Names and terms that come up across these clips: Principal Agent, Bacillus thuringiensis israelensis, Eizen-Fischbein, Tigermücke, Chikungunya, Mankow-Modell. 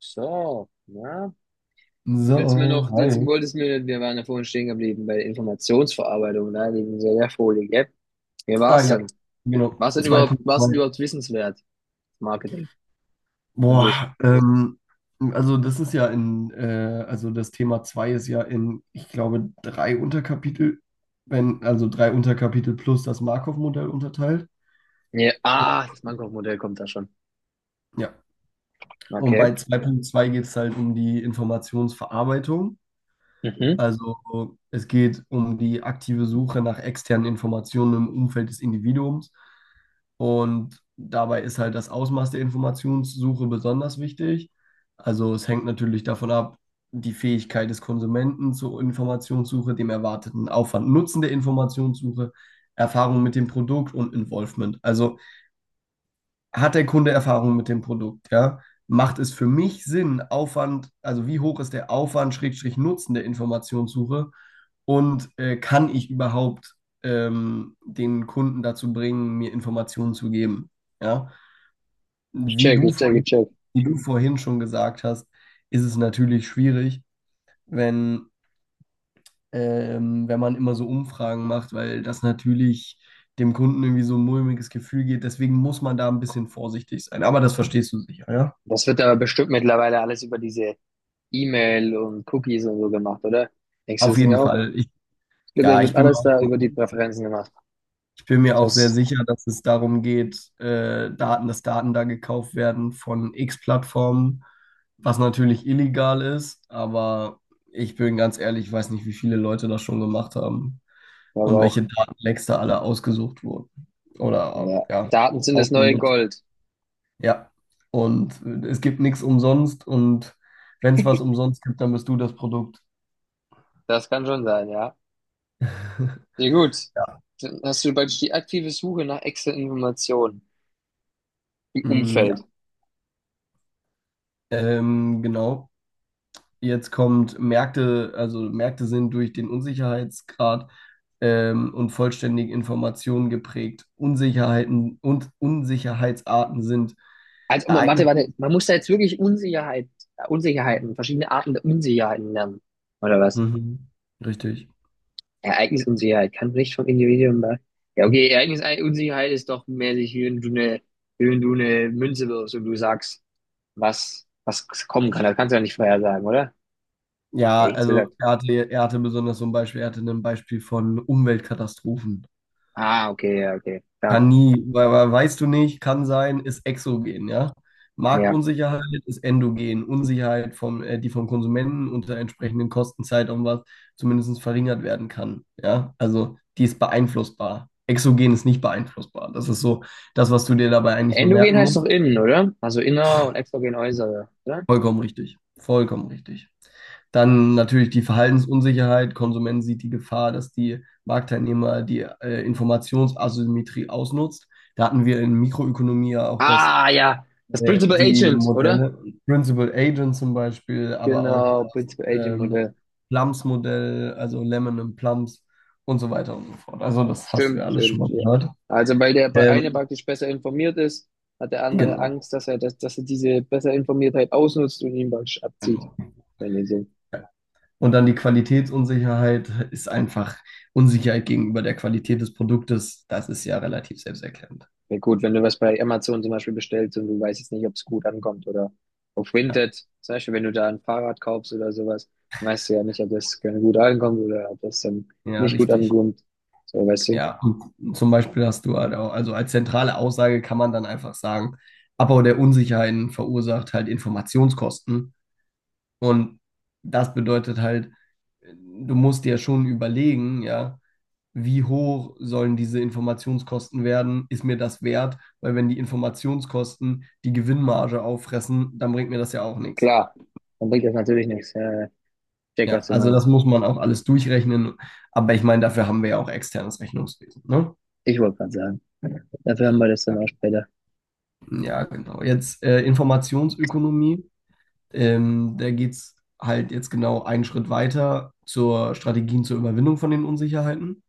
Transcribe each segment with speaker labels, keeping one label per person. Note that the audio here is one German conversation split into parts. Speaker 1: So, na? Willst du mir
Speaker 2: So,
Speaker 1: noch, jetzt
Speaker 2: hi.
Speaker 1: wolltest du mir, Wir waren ja vorhin stehen geblieben bei der Informationsverarbeitung, ne, wegen der Folie, gell? Wie
Speaker 2: Ah
Speaker 1: war's
Speaker 2: ja,
Speaker 1: denn?
Speaker 2: genau,
Speaker 1: was denn
Speaker 2: zwei
Speaker 1: überhaupt,
Speaker 2: Punkt
Speaker 1: was denn
Speaker 2: zwei.
Speaker 1: überhaupt wissenswert? Marketing an sich.
Speaker 2: Boah, das Thema 2 ist ja in, ich glaube, drei Unterkapitel, wenn, also drei Unterkapitel plus das Markov-Modell unterteilt.
Speaker 1: Ja, ah, das Mankow-Modell kommt da schon.
Speaker 2: Ja, und
Speaker 1: Okay.
Speaker 2: bei 2.2 geht es halt um die Informationsverarbeitung.
Speaker 1: Mhm.
Speaker 2: Also es geht um die aktive Suche nach externen Informationen im Umfeld des Individuums. Und dabei ist halt das Ausmaß der Informationssuche besonders wichtig. Also es hängt natürlich davon ab, die Fähigkeit des Konsumenten zur Informationssuche, dem erwarteten Aufwand, Nutzen der Informationssuche, Erfahrung mit dem Produkt und Involvement. Also hat der Kunde Erfahrung mit dem Produkt, ja? Macht es für mich Sinn, Aufwand, also wie hoch ist der Aufwand, Schrägstrich Nutzen der Informationssuche und kann ich überhaupt den Kunden dazu bringen, mir Informationen zu geben, ja?
Speaker 1: Ich
Speaker 2: Wie
Speaker 1: check,
Speaker 2: du
Speaker 1: ich check, ich
Speaker 2: vorhin,
Speaker 1: check.
Speaker 2: wie du vorhin schon gesagt hast, ist es natürlich schwierig, wenn, wenn man immer so Umfragen macht, weil das natürlich dem Kunden irgendwie so ein mulmiges Gefühl geht. Deswegen muss man da ein bisschen vorsichtig sein. Aber das verstehst du sicher, ja?
Speaker 1: Das wird aber bestimmt mittlerweile alles über diese E-Mail und Cookies und so gemacht, oder? Denkst du
Speaker 2: Auf
Speaker 1: das nicht
Speaker 2: jeden
Speaker 1: auch?
Speaker 2: Fall.
Speaker 1: Ich glaub, das
Speaker 2: Ja,
Speaker 1: wird alles da über die Präferenzen gemacht.
Speaker 2: ich bin mir auch sehr
Speaker 1: Das
Speaker 2: sicher, dass es darum geht, dass Daten da gekauft werden von X-Plattformen, was natürlich illegal ist, aber ich bin ganz ehrlich, ich weiß nicht, wie viele Leute das schon gemacht haben
Speaker 1: glaube ich
Speaker 2: und
Speaker 1: auch.
Speaker 2: welche Datenlecks da alle ausgesucht wurden oder
Speaker 1: Ja.
Speaker 2: ja,
Speaker 1: Daten sind das neue
Speaker 2: ausgenutzt.
Speaker 1: Gold.
Speaker 2: Ja, und es gibt nichts umsonst, und wenn es was umsonst gibt, dann bist du das Produkt.
Speaker 1: Das kann schon sein, ja. Ja gut,
Speaker 2: Ja,
Speaker 1: dann hast du praktisch die aktive Suche nach extra Informationen im
Speaker 2: Mm, ja,
Speaker 1: Umfeld.
Speaker 2: genau. Jetzt kommt Märkte, also Märkte sind durch den Unsicherheitsgrad und vollständige Informationen geprägt. Unsicherheiten und Unsicherheitsarten sind
Speaker 1: Also, oh, warte,
Speaker 2: Ereignisse.
Speaker 1: warte, man muss da jetzt wirklich Unsicherheiten, verschiedene Arten der Unsicherheiten lernen, oder was?
Speaker 2: Mhm. Richtig.
Speaker 1: Ereignisunsicherheit kann nicht vom Individuum da. Ja, okay, Ereignisunsicherheit ist doch mäßig, wie wenn du eine Münze wirfst und du sagst, was kommen kann. Das kannst du ja nicht vorhersagen, oder?
Speaker 2: Ja,
Speaker 1: Hätte ich jetzt gesagt.
Speaker 2: also er hatte besonders so ein Beispiel, er hatte ein Beispiel von Umweltkatastrophen.
Speaker 1: Ah, okay, ja, okay, klar,
Speaker 2: Kann nie, weil weißt du nicht, kann sein, ist exogen, ja.
Speaker 1: ja.
Speaker 2: Marktunsicherheit ist endogen. Unsicherheit die vom Konsumenten unter entsprechenden Kosten, Zeitaufwand zumindest verringert werden kann, ja. Also die ist beeinflussbar. Exogen ist nicht beeinflussbar. Das ist so das, was du dir dabei eigentlich nur
Speaker 1: Endogen
Speaker 2: merken
Speaker 1: heißt doch
Speaker 2: musst.
Speaker 1: innen, oder? Also inner und exogen äußere, oder?
Speaker 2: Vollkommen richtig. Vollkommen richtig. Dann natürlich die Verhaltensunsicherheit. Konsument sieht die Gefahr, dass die Marktteilnehmer die Informationsasymmetrie ausnutzt. Da hatten wir in Mikroökonomie ja auch das
Speaker 1: Ah, ja. Das Principal
Speaker 2: die
Speaker 1: Agent, oder?
Speaker 2: Modelle, Principal Agent zum Beispiel, aber auch
Speaker 1: Genau,
Speaker 2: das
Speaker 1: Principal Agent
Speaker 2: ähm,
Speaker 1: Modell.
Speaker 2: Plums-Modell, also Lemon and Plums und so weiter und so fort. Also das hast du ja
Speaker 1: Stimmt,
Speaker 2: alles schon
Speaker 1: stimmt,
Speaker 2: mal
Speaker 1: ja.
Speaker 2: gehört.
Speaker 1: Also, weil der eine
Speaker 2: Ähm,
Speaker 1: praktisch besser informiert ist, hat der andere
Speaker 2: genau,
Speaker 1: Angst, dass er diese besser Informiertheit ausnutzt und ihn praktisch abzieht.
Speaker 2: genau.
Speaker 1: Wenn ihr so.
Speaker 2: Und dann die Qualitätsunsicherheit ist einfach Unsicherheit gegenüber der Qualität des Produktes. Das ist ja relativ selbsterklärend.
Speaker 1: Ja, gut, wenn du was bei Amazon zum Beispiel bestellst und du weißt jetzt nicht, ob es gut ankommt oder auf
Speaker 2: Ja,
Speaker 1: Vinted, zum Beispiel, wenn du da ein Fahrrad kaufst oder sowas, dann weißt du ja nicht, ob das gut ankommt oder ob das dann
Speaker 2: ja,
Speaker 1: nicht gut
Speaker 2: richtig.
Speaker 1: ankommt. So, weißt du?
Speaker 2: Ja, und zum Beispiel hast du halt auch, also als zentrale Aussage kann man dann einfach sagen, Abbau der Unsicherheiten verursacht halt Informationskosten. Und das bedeutet halt, du musst dir schon überlegen, ja, wie hoch sollen diese Informationskosten werden? Ist mir das wert? Weil wenn die Informationskosten die Gewinnmarge auffressen, dann bringt mir das ja auch nichts.
Speaker 1: Klar, dann bringt das natürlich nichts. Ja, ja, check,
Speaker 2: Ja,
Speaker 1: was du
Speaker 2: also das
Speaker 1: meinst.
Speaker 2: muss man auch alles durchrechnen. Aber ich meine, dafür haben wir ja auch externes Rechnungswesen, ne?
Speaker 1: Ich wollte gerade sagen. Dafür haben wir das dann
Speaker 2: Ja,
Speaker 1: auch später.
Speaker 2: ja, genau. Jetzt Informationsökonomie. Da geht es halt jetzt genau einen Schritt weiter zur Strategien zur Überwindung von den Unsicherheiten.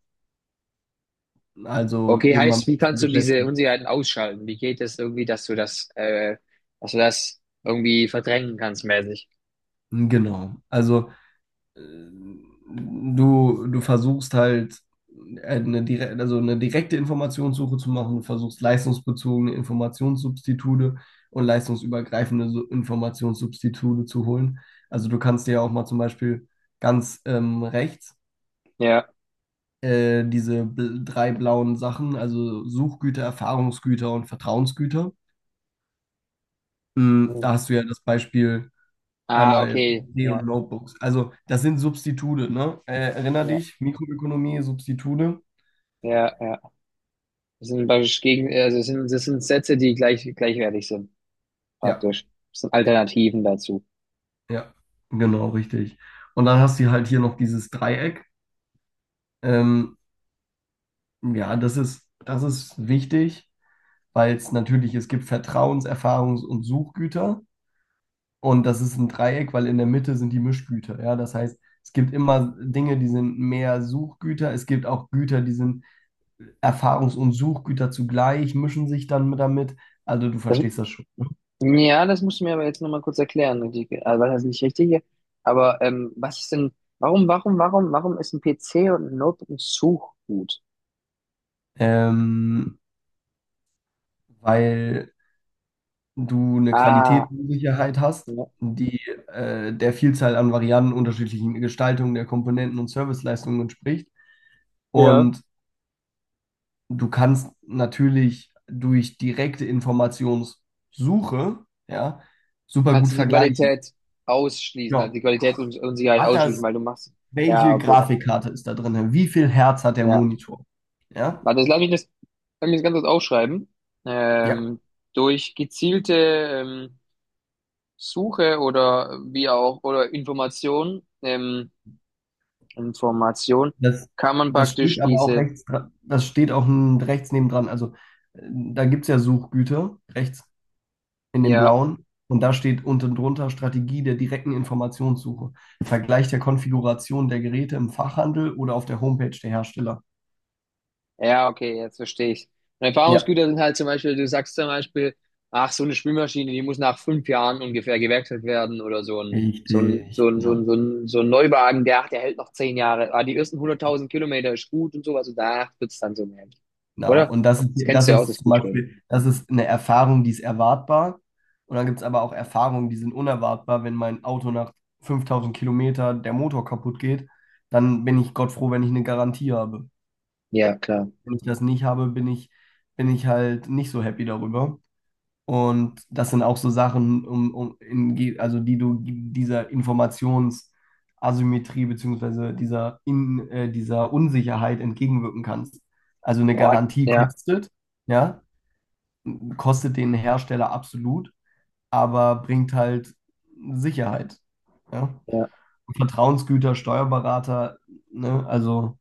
Speaker 2: Also
Speaker 1: Okay,
Speaker 2: eben mal
Speaker 1: heißt, wie kannst du diese
Speaker 2: beschäftigen.
Speaker 1: Unsicherheiten ausschalten? Wie geht es irgendwie, dass du das irgendwie verdrängen kannst, mäßig?
Speaker 2: Genau. Also äh, du versuchst halt eine direkte Informationssuche zu machen, du versuchst leistungsbezogene Informationssubstitute und leistungsübergreifende Informationssubstitute zu holen. Also du kannst dir ja auch mal zum Beispiel ganz rechts
Speaker 1: Ja.
Speaker 2: drei blauen Sachen, also Suchgüter, Erfahrungsgüter und Vertrauensgüter.
Speaker 1: Hm.
Speaker 2: Da hast du ja das Beispiel
Speaker 1: Ah,
Speaker 2: einmal
Speaker 1: okay.
Speaker 2: PC und
Speaker 1: Ja,
Speaker 2: Notebooks. Also das sind Substitute, ne? Erinner
Speaker 1: ja,
Speaker 2: dich, Mikroökonomie, Substitute.
Speaker 1: ja, ja. Das sind praktisch gegen, also das sind Sätze, die gleichwertig sind,
Speaker 2: Ja,
Speaker 1: praktisch. Das sind Alternativen dazu.
Speaker 2: ja, genau, richtig. Und dann hast du halt hier noch dieses Dreieck. Ähm, ja, das ist wichtig, weil es natürlich, es gibt Vertrauens-, Erfahrungs- und Suchgüter. Und das ist ein Dreieck, weil in der Mitte sind die Mischgüter. Ja, das heißt, es gibt immer Dinge, die sind mehr Suchgüter. Es gibt auch Güter, die sind Erfahrungs- und Suchgüter zugleich, mischen sich dann damit. Also du
Speaker 1: Das,
Speaker 2: verstehst das schon.
Speaker 1: Ja, das musst du mir aber jetzt nochmal kurz erklären. Was heißt nicht richtig? Aber was ist denn, warum ist ein PC und ein Notebook ein Suchgut?
Speaker 2: ähm, weil du eine
Speaker 1: Ah,
Speaker 2: Qualitätssicherheit hast,
Speaker 1: ja.
Speaker 2: die der Vielzahl an Varianten, unterschiedlichen Gestaltungen der Komponenten und Serviceleistungen entspricht.
Speaker 1: Ja.
Speaker 2: Und du kannst natürlich durch direkte Informationssuche, ja, super
Speaker 1: Kannst
Speaker 2: gut
Speaker 1: du die
Speaker 2: vergleichen.
Speaker 1: Qualität ausschließen, also die
Speaker 2: Genau.
Speaker 1: Qualitätsunsicherheit
Speaker 2: Hat
Speaker 1: ausschließen,
Speaker 2: das,
Speaker 1: weil du machst. Ja,
Speaker 2: welche
Speaker 1: okay.
Speaker 2: Grafikkarte ist da drin? Wie viel Hertz hat der
Speaker 1: Ja.
Speaker 2: Monitor? Ja,
Speaker 1: Warte, jetzt lass mich das ganz kurz aufschreiben.
Speaker 2: ja.
Speaker 1: Ähm, Durch gezielte ähm, Suche oder wie auch, oder Information,
Speaker 2: Das,
Speaker 1: kann man
Speaker 2: das steht
Speaker 1: praktisch
Speaker 2: aber auch
Speaker 1: diese.
Speaker 2: rechts, das steht auch rechts nebendran. Also da gibt es ja Suchgüter, rechts in dem
Speaker 1: Ja,
Speaker 2: blauen. Und da steht unten drunter Strategie der direkten Informationssuche. Vergleich der Konfiguration der Geräte im Fachhandel oder auf der Homepage der Hersteller.
Speaker 1: ja, okay, jetzt verstehe ich. Und
Speaker 2: Ja,
Speaker 1: Erfahrungsgüter sind halt zum Beispiel, du sagst zum Beispiel, ach, so eine Spülmaschine, die muss nach 5 Jahren ungefähr gewerkselt werden oder
Speaker 2: richtig, genau.
Speaker 1: so ein Neuwagen, der hält noch 10 Jahre. Ah, die ersten 100.000 Kilometer ist gut und sowas und da wird's dann so mehr.
Speaker 2: Genau.
Speaker 1: Oder?
Speaker 2: Und das ist,
Speaker 1: Das kennst
Speaker 2: das
Speaker 1: du ja auch,
Speaker 2: ist
Speaker 1: das
Speaker 2: zum
Speaker 1: Bild.
Speaker 2: Beispiel, das ist eine Erfahrung, die ist erwartbar. Und dann gibt es aber auch Erfahrungen, die sind unerwartbar. Wenn mein Auto nach 5000 Kilometer der Motor kaputt geht, dann bin ich Gott froh, wenn ich eine Garantie habe.
Speaker 1: Ja, klar.
Speaker 2: Wenn ich das nicht habe, bin ich halt nicht so happy darüber. Und das sind auch so Sachen, um, um in, ge- also die du dieser Informationsasymmetrie beziehungsweise dieser Unsicherheit entgegenwirken kannst. Also eine
Speaker 1: Oh,
Speaker 2: Garantie
Speaker 1: ja,
Speaker 2: kostet. Ja, kostet den Hersteller absolut, aber bringt halt Sicherheit. Ja?
Speaker 1: ja.
Speaker 2: Vertrauensgüter, Steuerberater, ne?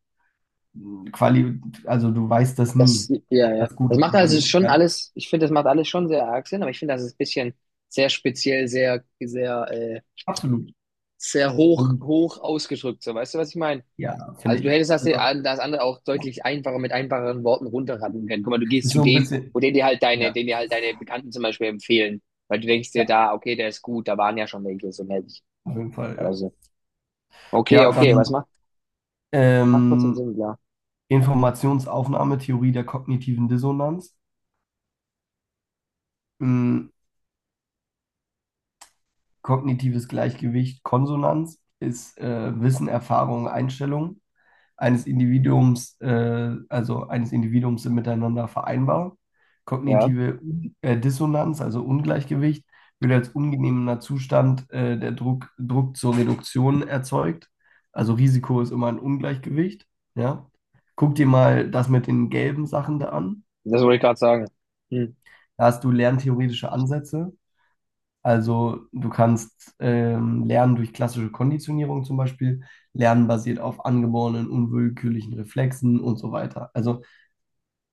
Speaker 2: Quali also, du weißt das nie,
Speaker 1: Ja,
Speaker 2: ob
Speaker 1: ja,
Speaker 2: das gut
Speaker 1: das
Speaker 2: ist
Speaker 1: macht
Speaker 2: oder
Speaker 1: also
Speaker 2: nicht.
Speaker 1: schon
Speaker 2: Ja?
Speaker 1: alles, ich finde, das macht alles schon sehr arg Sinn, aber ich finde, das ist ein bisschen sehr speziell, sehr, sehr,
Speaker 2: Absolut.
Speaker 1: sehr hoch,
Speaker 2: Und
Speaker 1: hoch ausgedrückt, so, weißt du, was ich meine?
Speaker 2: ja, finde
Speaker 1: Also du
Speaker 2: ich.
Speaker 1: hättest das,
Speaker 2: Also
Speaker 1: das andere auch deutlich einfacher mit einfacheren Worten runterraten können. Guck mal, du gehst
Speaker 2: ist
Speaker 1: zu
Speaker 2: so ein
Speaker 1: dem,
Speaker 2: bisschen,
Speaker 1: wo den dir halt deine,
Speaker 2: ja,
Speaker 1: den dir halt deine Bekannten zum Beispiel empfehlen, weil du denkst dir
Speaker 2: ja,
Speaker 1: da, okay, der ist gut, da waren ja schon welche so mäßig
Speaker 2: auf jeden Fall,
Speaker 1: oder
Speaker 2: ja.
Speaker 1: so. Okay,
Speaker 2: Ja,
Speaker 1: okay,
Speaker 2: dann
Speaker 1: macht trotzdem
Speaker 2: ähm,
Speaker 1: Sinn, klar.
Speaker 2: Informationsaufnahmetheorie der kognitiven Dissonanz. Mm, Kognitives Gleichgewicht, Konsonanz ist Wissen, Erfahrung, Einstellung eines Individuums, sind miteinander vereinbar.
Speaker 1: Ja,
Speaker 2: Kognitive Dissonanz, also Ungleichgewicht, wird als ungenehmer Zustand der Druck zur Reduktion erzeugt. Also Risiko ist immer ein Ungleichgewicht. Ja? Guck dir mal das mit den gelben Sachen da an.
Speaker 1: das wollte ich gerade sagen. Hm.
Speaker 2: Da hast du lerntheoretische Ansätze. Also du kannst lernen durch klassische Konditionierung zum Beispiel, lernen basiert auf angeborenen unwillkürlichen Reflexen und so weiter. Also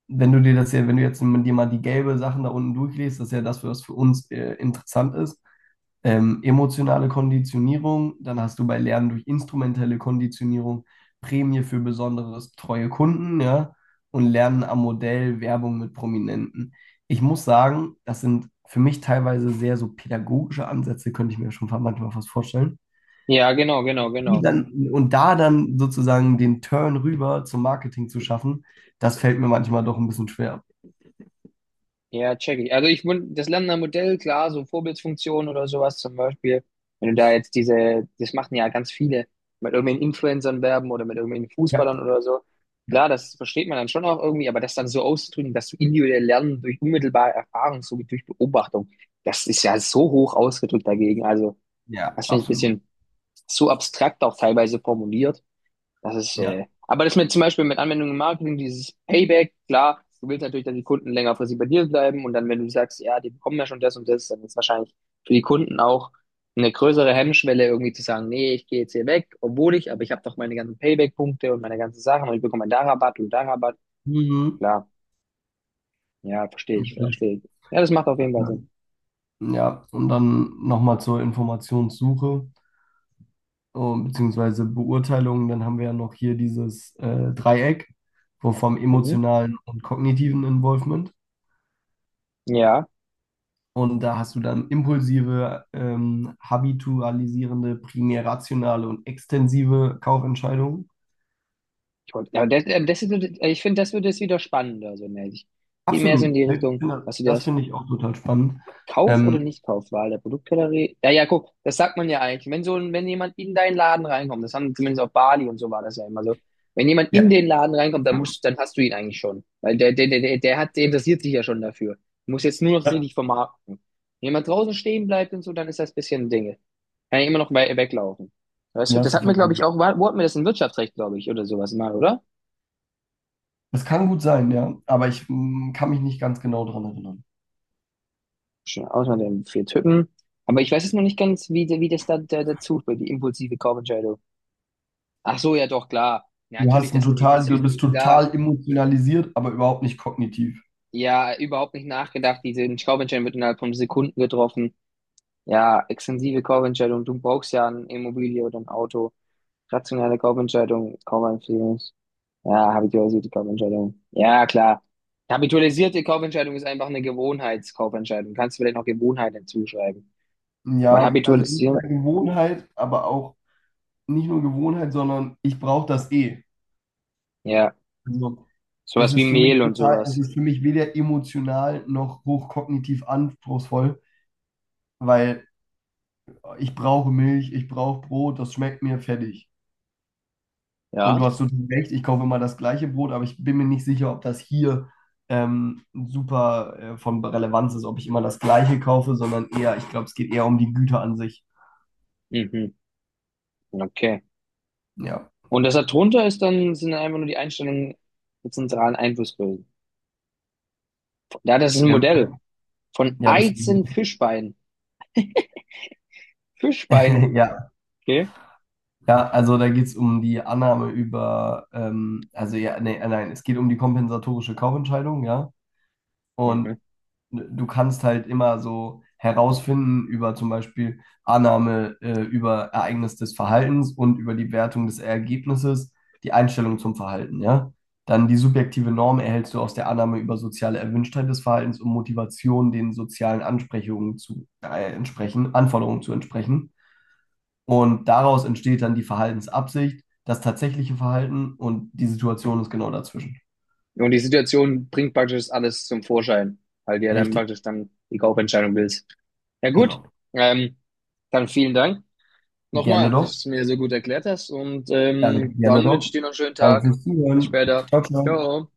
Speaker 2: wenn du dir das ja, wenn du jetzt mit dir mal die gelbe Sachen da unten durchliest, das ist ja das, was für uns interessant ist. Emotionale Konditionierung, dann hast du bei Lernen durch instrumentelle Konditionierung Prämie für besonderes treue Kunden, ja, und Lernen am Modell Werbung mit Prominenten. Ich muss sagen, das sind für mich teilweise sehr so pädagogische Ansätze, könnte ich mir schon manchmal fast vorstellen.
Speaker 1: Ja, genau, genau,
Speaker 2: Die
Speaker 1: genau.
Speaker 2: dann, und da dann sozusagen den Turn rüber zum Marketing zu schaffen, das fällt mir manchmal doch ein bisschen schwer.
Speaker 1: Ja, check ich. Also ich das Lernender Modell, klar, so Vorbildfunktion oder sowas zum Beispiel, wenn du da jetzt diese, das machen ja ganz viele, mit irgendwelchen Influencern werben oder mit irgendwelchen
Speaker 2: Ja,
Speaker 1: Fußballern oder so.
Speaker 2: ja,
Speaker 1: Klar, das versteht man dann schon auch irgendwie, aber das dann so auszudrücken, dass du individuell lernen durch unmittelbare Erfahrung, so wie durch Beobachtung, das ist ja so hoch ausgedrückt dagegen. Also,
Speaker 2: ja,
Speaker 1: das finde ich ein
Speaker 2: absolut.
Speaker 1: bisschen so abstrakt auch teilweise formuliert.
Speaker 2: Ja.
Speaker 1: Aber das mit zum Beispiel mit Anwendung im Marketing, dieses Payback, klar, du willst natürlich, dass die Kunden längerfristig bei dir bleiben und dann, wenn du sagst, ja, die bekommen ja schon das und das, dann ist wahrscheinlich für die Kunden auch eine größere Hemmschwelle, irgendwie zu sagen, nee, ich gehe jetzt hier weg, obwohl ich, aber ich habe doch meine ganzen Payback-Punkte und meine ganzen Sachen und ich bekomme da Rabatt und da Rabatt.
Speaker 2: Mhm.
Speaker 1: Klar, ja, verstehe
Speaker 2: Ja,
Speaker 1: ich,
Speaker 2: klar.
Speaker 1: verstehe ich. Ja, das macht auf jeden Fall
Speaker 2: Ja.
Speaker 1: Sinn.
Speaker 2: Ja, und dann nochmal zur Informationssuche beziehungsweise Beurteilung. Dann haben wir ja noch hier dieses Dreieck wo vom
Speaker 1: Mhm.
Speaker 2: emotionalen und kognitiven Involvement.
Speaker 1: Ja,
Speaker 2: Und da hast du dann impulsive, habitualisierende, primär rationale und extensive Kaufentscheidungen.
Speaker 1: ich wollte, ja, das, das ist, ich finde, das wird jetzt wieder spannender, so mäßig. Geht mehr so
Speaker 2: Absolut.
Speaker 1: in die Richtung, hast du
Speaker 2: Das
Speaker 1: das?
Speaker 2: finde ich auch total spannend.
Speaker 1: Kauf- oder
Speaker 2: Ähm,
Speaker 1: Nichtkaufwahl der Produktgalerie. Ja, ja, guck, das sagt man ja eigentlich. Wenn so ein, Wenn jemand in deinen Laden reinkommt, das haben zumindest auf Bali und so war das ja immer so. Wenn jemand in
Speaker 2: ja.
Speaker 1: den Laden reinkommt, dann musst, dann hast du ihn eigentlich schon. Weil der interessiert sich ja schon dafür. Du musst jetzt nur noch so
Speaker 2: Ja,
Speaker 1: richtig vermarkten. Wenn jemand draußen stehen bleibt und so, dann ist das ein bisschen Dinge. Kann ja immer noch we weglaufen. Weißt du,
Speaker 2: ja,
Speaker 1: das
Speaker 2: hast du
Speaker 1: hat mir, glaube
Speaker 2: vollkommen
Speaker 1: ich,
Speaker 2: recht.
Speaker 1: auch, wo hatten wir das in Wirtschaftsrecht, glaube ich, oder sowas mal, oder?
Speaker 2: Das kann gut sein, ja, aber ich kann mich nicht ganz genau daran erinnern.
Speaker 1: Schon Ausnahme der vier Typen. Aber ich weiß jetzt noch nicht ganz, wie das dazu, bei die impulsive Kaufentscheidung. Ach so, ja doch, klar. Ja,
Speaker 2: Du
Speaker 1: natürlich,
Speaker 2: hast ein
Speaker 1: das sind diese
Speaker 2: total, du bist
Speaker 1: Süßigkeiten, klar.
Speaker 2: total emotionalisiert, aber überhaupt nicht kognitiv.
Speaker 1: Ja, überhaupt nicht nachgedacht. Diese Kaufentscheidung wird innerhalb von Sekunden getroffen. Ja, extensive Kaufentscheidung. Du brauchst ja eine Immobilie oder ein Auto. Rationale Kaufentscheidung, Kaufempfehlung. Ja, habitualisierte Kaufentscheidung. Ja, klar. Habitualisierte Kaufentscheidung ist einfach eine Gewohnheitskaufentscheidung. Kannst du vielleicht noch Gewohnheit hinzuschreiben? Weil
Speaker 2: Ja, also
Speaker 1: habitualisieren,
Speaker 2: entweder Gewohnheit, aber auch nicht nur Gewohnheit, sondern ich brauche das eh.
Speaker 1: ja,
Speaker 2: Also es
Speaker 1: sowas wie
Speaker 2: ist
Speaker 1: Mehl und sowas.
Speaker 2: für mich weder emotional noch hochkognitiv anspruchsvoll, weil ich brauche Milch, ich brauche Brot, das schmeckt mir fertig. Und
Speaker 1: Ja.
Speaker 2: du hast total recht, ich kaufe immer das gleiche Brot, aber ich bin mir nicht sicher, ob das hier super von Relevanz ist, ob ich immer das gleiche kaufe, sondern eher, ich glaube, es geht eher um die Güter an sich.
Speaker 1: Mhm. Okay.
Speaker 2: Ja,
Speaker 1: Und das da drunter sind dann einfach nur die Einstellungen der zentralen Einflussbösen. Ja, das ist ein
Speaker 2: ähm,
Speaker 1: Modell von
Speaker 2: ja, das,
Speaker 1: Eizen-Fischbein. Fischbein,
Speaker 2: ja,
Speaker 1: okay?
Speaker 2: ja, also da geht es um die Annahme über, also ja, nee, nein, es geht um die kompensatorische Kaufentscheidung, ja.
Speaker 1: Mhm.
Speaker 2: Und du kannst halt immer so herausfinden über zum Beispiel Annahme, über Ereignis des Verhaltens und über die Wertung des Ergebnisses, die Einstellung zum Verhalten, ja. Dann die subjektive Norm erhältst du aus der Annahme über soziale Erwünschtheit des Verhaltens und Motivation, den sozialen Ansprechungen zu entsprechen, Anforderungen zu entsprechen. Und daraus entsteht dann die Verhaltensabsicht, das tatsächliche Verhalten und die Situation ist genau dazwischen.
Speaker 1: Und die Situation bringt praktisch alles zum Vorschein, weil du ja dann
Speaker 2: Richtig,
Speaker 1: praktisch dann die Kaufentscheidung willst. Ja gut,
Speaker 2: genau.
Speaker 1: ähm, dann vielen Dank
Speaker 2: Gerne
Speaker 1: nochmal, dass
Speaker 2: doch.
Speaker 1: du es mir so gut erklärt hast und
Speaker 2: Danke gerne
Speaker 1: dann wünsche
Speaker 2: doch.
Speaker 1: ich dir noch einen schönen
Speaker 2: Danke
Speaker 1: Tag.
Speaker 2: fürs
Speaker 1: Bis
Speaker 2: Zuhören.
Speaker 1: später.
Speaker 2: Ciao, ciao.
Speaker 1: Ciao.